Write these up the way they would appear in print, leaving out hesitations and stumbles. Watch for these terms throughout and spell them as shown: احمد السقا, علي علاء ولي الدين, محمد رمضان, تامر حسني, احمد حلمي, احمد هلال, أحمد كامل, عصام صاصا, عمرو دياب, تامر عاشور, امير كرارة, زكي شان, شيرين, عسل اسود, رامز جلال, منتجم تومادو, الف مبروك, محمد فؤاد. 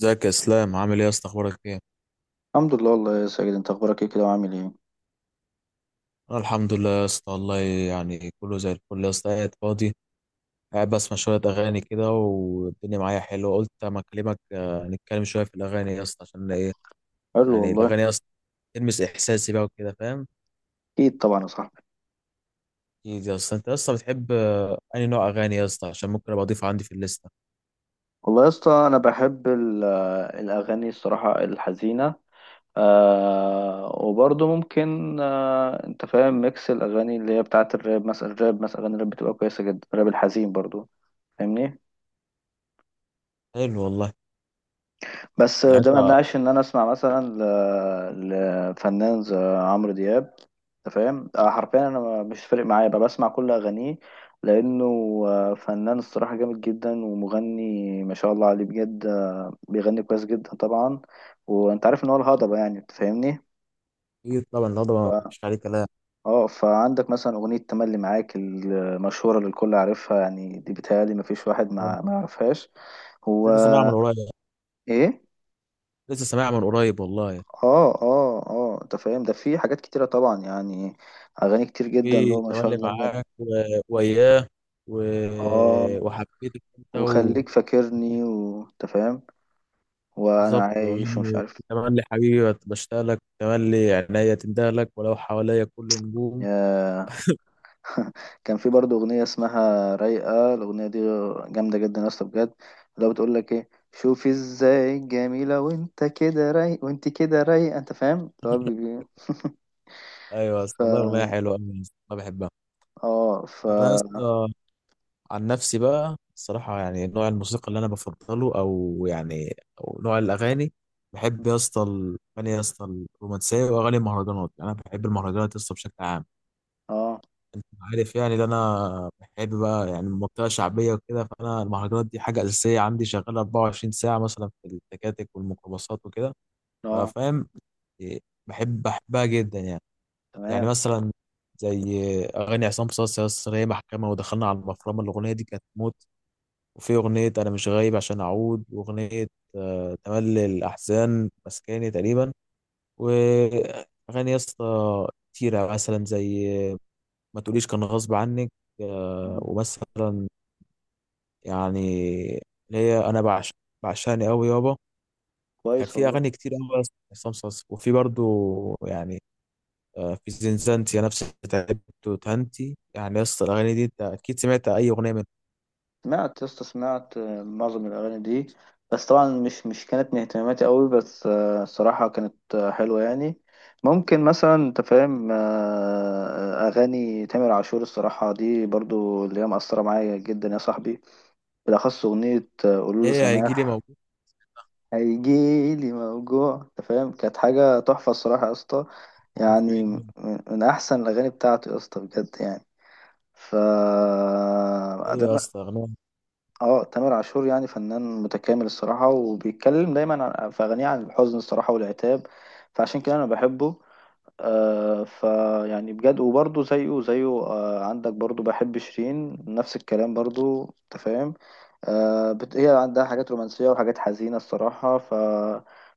ازيك يا اسلام، عامل ايه يا اسطى؟ اخبارك ايه؟ الحمد لله والله يا ساجد، انت اخبارك ايه كده وعامل ايه؟ انا الحمد لله يا اسطى، والله يعني كله زي الفل يا اسطى. قاعد فاضي، قاعد بسمع شويه اغاني كده والدنيا معايا حلوه. قلت اما اكلمك نتكلم شويه في الاغاني يا اسطى. عشان ايه قال له يعني والله. الاغاني يا اسطى؟ تلمس احساسي بقى وكده، فاهم. اكيد طبعا يا صاحبي. اكيد يا اسطى. انت يا اسطى بتحب انهي نوع اغاني يا اسطى؟ عشان ممكن ابقى اضيفه عندي في الليسته. والله يا اسطى انا بحب الاغاني الصراحه الحزينه. آه، وبرضه ممكن انت فاهم، ميكس الاغاني اللي هي بتاعه الراب مثلا. اغاني الراب بتبقى كويسه جدا، الراب الحزين برضه، فاهمني؟ حلو والله. بس يعني ده ما انت يمنعش ان انا اسمع مثلا لفنان زي عمرو دياب. انت فاهم، حرفيا انا مش فارق معايا، بقى بسمع كل اغانيه، لانه فنان الصراحه جامد جدا، ومغني ما شاء الله عليه بجد، بيغني كويس جدا طبعا. وانت عارف ان هو الهضبه، يعني انت فاهمني. اكيد طبعا، لا طبعا ف... مفيش عليه كلام. اه، فعندك مثلا اغنيه تملي معاك المشهوره اللي الكل عارفها، يعني دي بتهيألي ما فيش واحد آه، ما يعرفهاش. هو لسه سامعها من قريب، ايه؟ لسه سامعها من قريب والله. اه اه اه، انت فاهم، ده في حاجات كتيرة طبعا يعني، اغاني كتير جدا في له ما شاء تملي الله بجد. معاك وياه و... اه، وحبيتك انت و... وخليك فاكرني، وانت فاهم، وانا بالظبط. عايش ومش وأغاني عارف. تملي حبيبي بشتاق لك، تملي عينيا تندهلك لك ولو حواليا كل نجوم. يا، كان في برضه اغنية اسمها رايقة، الاغنية دي جامدة جدا يا اسطى بجد. لو بتقول لك ايه، شوفي ازاي جميلة وانت كده رايق وانت كده رايقة، انت فاهم اللي هو ايوه يا ف اسطى والله، اغنيه حلوه أوي يا اسطى، انا بحبها. اه ف انا يا اسطى عن نفسي بقى، الصراحه يعني نوع الموسيقى اللي انا بفضله، او يعني او نوع الاغاني، بحب يا اسطى الاغاني يا اسطى الرومانسيه واغاني المهرجانات. يعني انا بحب المهرجانات يا اسطى بشكل عام. اه انت عارف يعني، ده انا بحب بقى يعني المنطقه شعبيه وكده، فانا المهرجانات دي حاجه اساسيه عندي، شغاله 24 ساعه مثلا في التكاتك والميكروباصات وكده، اه ففاهم. إيه، بحبها جدا يعني. يعني تمام. مثلا زي اغاني عصام صاصا يا اسطى، هي محكمه، ودخلنا على المفرمه، الاغنيه دي كانت موت. وفي اغنيه انا مش غايب عشان اعود، واغنيه تملي الاحزان مسكاني تقريبا. واغاني يا اسطى كتيره مثلا زي ما تقوليش كان غصب عنك. ومثلا يعني اللي هي انا بعشق، بعشقني قوي يابا. كان كويس في والله. اغاني كتير قوي عصام صاصا. وفي برضو يعني في زنزانتي يا نفسي، تعبت وتهنتي. يعني يا اسطى الاغاني دي انت اكيد سمعت اي اغنيه منها. سمعت يا اسطى سمعت معظم الأغاني دي، بس طبعا مش كانت من اهتماماتي قوي، بس الصراحة كانت حلوة يعني. ممكن مثلا أنت فاهم، أغاني تامر عاشور الصراحة دي برضو اللي هي مأثرة معايا جدا يا صاحبي. بالأخص أغنية قولوله هي هيجي لي سماح. موجود هيجيلي موجوع، أنت فاهم، كانت حاجة تحفة الصراحة يا اسطى. في يعني من عيني. أحسن الأغاني بتاعته يا اسطى بجد يعني. ف ايوه يا اسطى، اغنيه اه تامر عاشور يعني فنان متكامل الصراحة، وبيتكلم دايما في أغانيه عن الحزن الصراحة والعتاب، فعشان كده أنا بحبه. آه، فيعني بجد. وبرضه زيه آه، عندك برضه، بحب شيرين نفس الكلام برضه، انت فاهم. هي عندها حاجات رومانسية وحاجات حزينة الصراحة. ف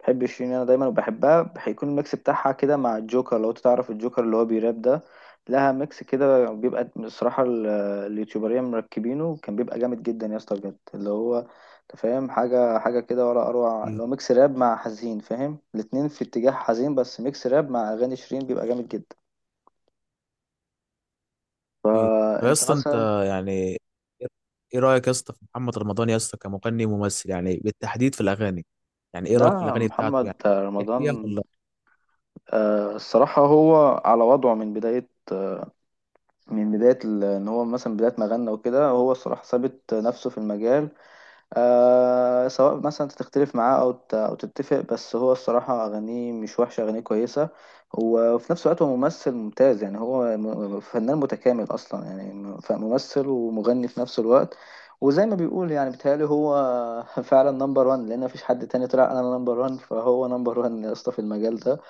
بحب شيرين أنا دايما، وبحبها. هيكون الميكس بتاعها كده مع الجوكر، لو أنت تعرف الجوكر اللي هو بيراب ده، لها ميكس كده بيبقى الصراحة اليوتيوبرية مركبينه، كان بيبقى جامد جدا يا اسطى بجد. اللي هو انت فاهم، حاجة كده ولا أروع، كتير لو ميكس راب مع حزين، فاهم الاتنين في اتجاه حزين، بس ميكس راب مع أغاني شيرين بيبقى جامد جدا. كتير طب يا فأنت اسطى انت مثلا. يعني ايه إيه رايك يا اسطى في محمد رمضان يا اسطى كمغني وممثل؟ يعني بالتحديد في الاغاني، يعني ايه رايك في لا، الاغاني بتاعته؟ محمد يعني بترتاح فيها ولا؟ رمضان الصراحة هو على وضعه من بداية، إن هو مثلا بداية ما غنى وكده، هو الصراحة ثابت نفسه في المجال. آه، سواء مثلا تختلف معاه او تتفق، بس هو الصراحه اغانيه مش وحشه، اغانيه كويسه. وفي نفس الوقت هو ممثل ممتاز، يعني هو فنان متكامل اصلا، يعني فممثل ومغني في نفس الوقت. وزي ما بيقول، يعني بيتهيألي هو فعلا نمبر وان، لان مفيش حد تاني طلع انا نمبر وان، فهو نمبر وان يا اسطى في المجال ده.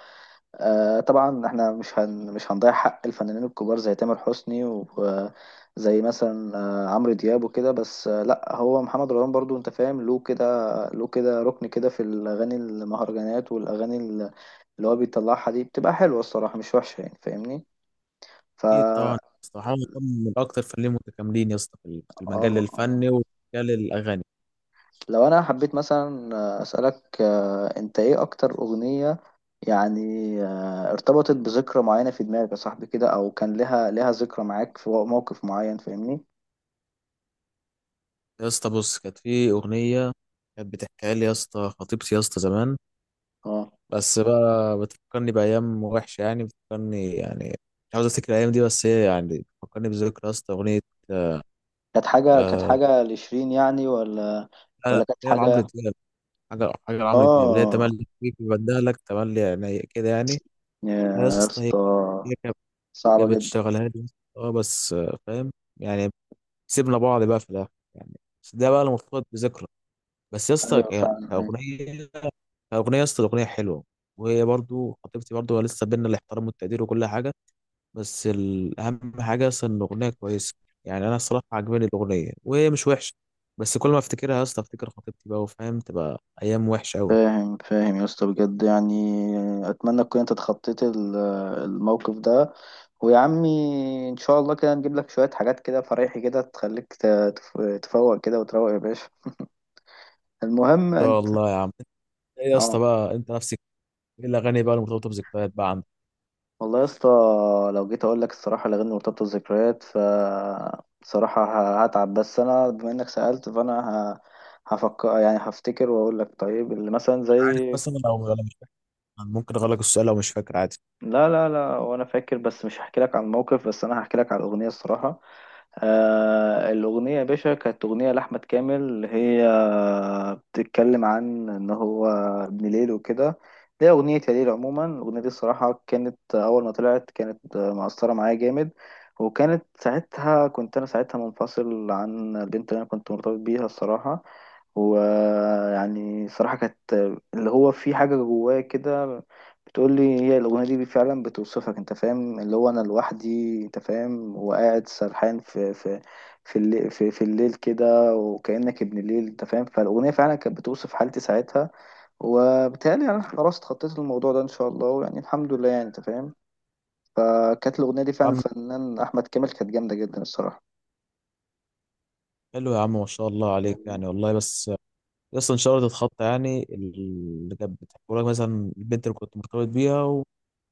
آه طبعا احنا مش هنضيع حق الفنانين الكبار زي تامر حسني وزي مثلا آه، عمرو دياب وكده، بس آه، لا هو محمد رمضان برضو انت فاهم، له كده، ركن كده في الاغاني المهرجانات والاغاني اللي هو بيطلعها دي، بتبقى حلوه الصراحه مش وحشه، يعني فاهمني. اكيد طبعا فا يا اسطى، حاول من اكتر فنانين متكاملين يا اسطى في المجال اه آه. الفني ومجال الاغاني. لو انا حبيت مثلا اسالك، انت ايه اكتر اغنيه يعني ارتبطت بذكرى معينه في دماغك يا صاحبي كده، او كان لها ذكرى معاك في موقف معين، فاهمني. يا اسطى بص، كانت في اغنيه كانت بتحكيها لي يا اسطى خطيبتي يا اسطى زمان. اه، بس بقى بتفكرني بايام وحشه، يعني بتفكرني يعني، مش عاوز افتكر الايام دي، بس هي يعني بتفكرني بذكرى يا اسطى اغنيه. كانت حاجه كانت آه، حاجه لشيرين يعني ولا؟ لا لا، ولا كانت هي لعمرو حاجه؟ دياب. حاجه لعمرو دياب، اللي هي اه تملي فيك، بدالك تملي، يعني كده يعني، يا يا اسطى. هي اسطى، هي كانت، صعبه كانت جدا. بتشغلها لي يا اسطى، اه بس فاهم يعني. سيبنا بعض بقى في الاخر يعني، بس ده بقى اللي مرتبط بذكرى. بس يا اسطى ايوه فعلا أيوة. كاغنيه، كاغنيه يا اسطى الاغنيه حلوه. وهي برضو خطيبتي، برضو لسه بينا الاحترام والتقدير وكل حاجه. بس الاهم حاجه اصلا ان الاغنيه كويسه. يعني انا الصراحه عجباني الاغنيه وهي مش وحشه. بس كل ما افتكرها يا اسطى، افتكر خطيبتي بقى، وفاهم تبقى ايام وحشه قوي. ان فاهم فاهم يا اسطى بجد يعني. اتمنى تكون انت اتخطيت الموقف ده. ويا عمي ان شاء الله كده نجيب لك شوية حاجات كده فريحي كده، تخليك تفوق كده وتروق يا باشا. المهم شاء انت. الله يا عم. انت ايه يا اه، اسطى بقى انت نفسك؟ ايه الاغاني بقى المرتبطه بذكريات بقى عندك؟ والله يا اسطى لو جيت اقول لك الصراحة الاغاني مرتبطة بالذكريات، ف بصراحة هتعب، بس انا بما انك سألت فانا هفكر يعني هفتكر، واقول لك طيب اللي مثلا مش زي. عارف مثلا، لو لو مش فاكر ممكن اغلق السؤال، لو مش فاكر عادي. لا لا لا، وانا فاكر، بس مش هحكي لك عن الموقف، بس انا هحكي لك على الاغنية الصراحة. آه، الأغنية يا باشا كانت أغنية لأحمد كامل، هي بتتكلم عن إن هو ابن ليل وكده، دي أغنية يا ليل عموما. الأغنية دي الصراحة كانت أول ما طلعت كانت مأثرة معايا جامد. وكانت ساعتها، كنت أنا ساعتها منفصل عن البنت اللي أنا كنت مرتبط بيها الصراحة. ويعني صراحة كانت اللي هو في حاجة جوايا كده بتقول لي هي الأغنية دي، فعلا بتوصفك، انت فاهم، اللي هو انا لوحدي، انت فاهم، وقاعد سرحان في في الليل، في الليل كده، وكأنك ابن الليل، انت فاهم. فالأغنية فعلا كانت بتوصف حالتي ساعتها. وبالتالي انا خلاص اتخطيت الموضوع ده ان شاء الله، يعني الحمد لله يعني، انت فاهم. فكانت الأغنية دي فعلا، عم، الفنان أحمد كامل، كانت جامدة جدا الصراحة. حلو يا عم، ما شاء الله عليك فاهمني؟ يعني والله. بس اصلا انشرت الخط يعني اللي كانت بتحكي لك مثلا، البنت اللي كنت مرتبط بيها،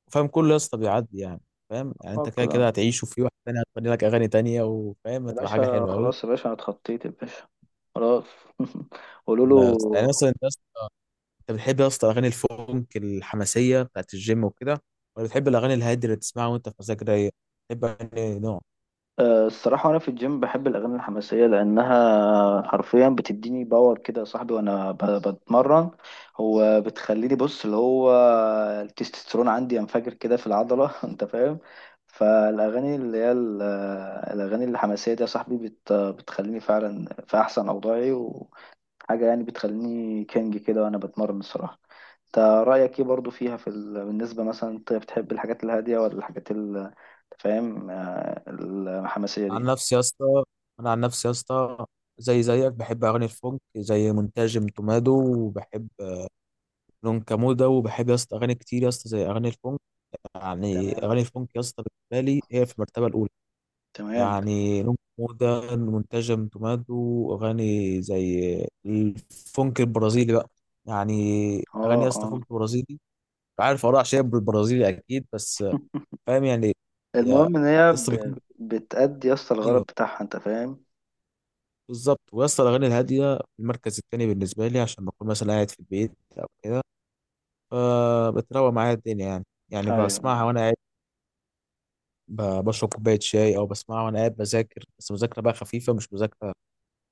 وفاهم، كله يا اسطى بيعدي يعني. فاهم يعني، انت اه كده كده كده هتعيش، وفي واحد تاني هتغني لك اغاني تانية، وفاهم يا هتبقى حاجه باشا، حلوه قوي. خلاص يا باشا، انا اتخطيت يا باشا، خلاص. قولوا له. لا يا اسطى. يعني مثلا انت يا اسطى، انت بتحب يا اسطى اغاني الفونك الحماسيه بتاعت الجيم وكده، ولا بتحب الاغاني الهاديه اللي تسمعها وانت في مزاج رايق؟ بتحب اغاني نوع، أه، الصراحة أنا في الجيم بحب الأغاني الحماسية، لأنها حرفيا بتديني باور كده يا صاحبي وأنا بتمرن. هو بتخليني، بص اللي هو التستوستيرون عندي ينفجر كده في العضلة أنت فاهم، فالأغاني اللي هي الأغاني الحماسية دي يا صاحبي بتخليني فعلا في أحسن أوضاعي. حاجة يعني بتخليني كينج كده وأنا بتمرن الصراحة. أنت رأيك إيه برضو فيها في بالنسبة مثلا أنت بتحب الحاجات الهادية ولا الحاجات أنت فاهم، الحماسية عن دي؟ نفسي يا اسطى، انا عن نفسي يا اسطى زي زيك بحب اغاني الفونك زي منتجم تومادو، وبحب لون ده، وبحب يا اسطى اغاني كتير يا اسطى زي اغاني الفونك. يعني تمام. اغاني الفونك يا اسطى بالنسبه لي هي في المرتبه الاولى. تمام. يعني لون كمودة منتجم تومادو، اغاني زي الفونك البرازيلي بقى، يعني اغاني اه يا اسطى اه. فونك برازيلي. عارف اراء شاب بالبرازيلي اكيد، بس فاهم يعني. يا المهم إن يا اسطى بيكون، بتأدي يا اسطى الغرض ايوه بتاعها، أنت فاهم. بالظبط. ويا اسطى الاغاني الهاديه في المركز الثاني بالنسبه لي، عشان بكون مثلا قاعد في البيت او كده، فبتروق معايا الدنيا يعني. يعني بسمعها أيوه وانا بشرب كوباية شاي، أو بسمعها وأنا قاعد بذاكر، بس مذاكرة بقى خفيفة مش مذاكرة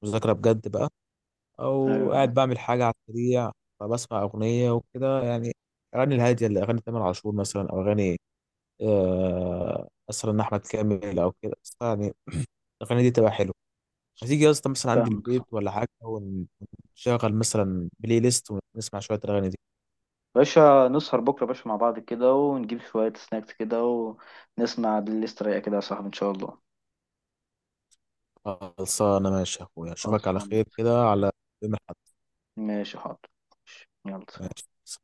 مذاكرة بجد بقى، أو أيوه، قاعد بعمل حاجة على السريع، فبسمع أغنية وكده يعني. الأغاني الهادية، اللي أغاني تامر عاشور مثلا، أو أغاني مثلا أحمد كامل أو كده، بس يعني الأغاني دي تبقى حلوة. هتيجي يا اسطى مثلا عندي فاهمك صح. البيت ولا حاجة، ونشغل مثلا بلاي ليست، ونسمع شوية الأغاني دي. باشا نسهر بكرة يا باشا مع بعض كده، ونجيب شوية سناكس كده، ونسمع بالليست رايقة كده يا صاحبي إن شاء الله. خلصانة، ماشي يا أخويا، أشوفك على خلصان، خير كده على يوم الأحد. ماشي حاضر، يلا سلام. ماشي.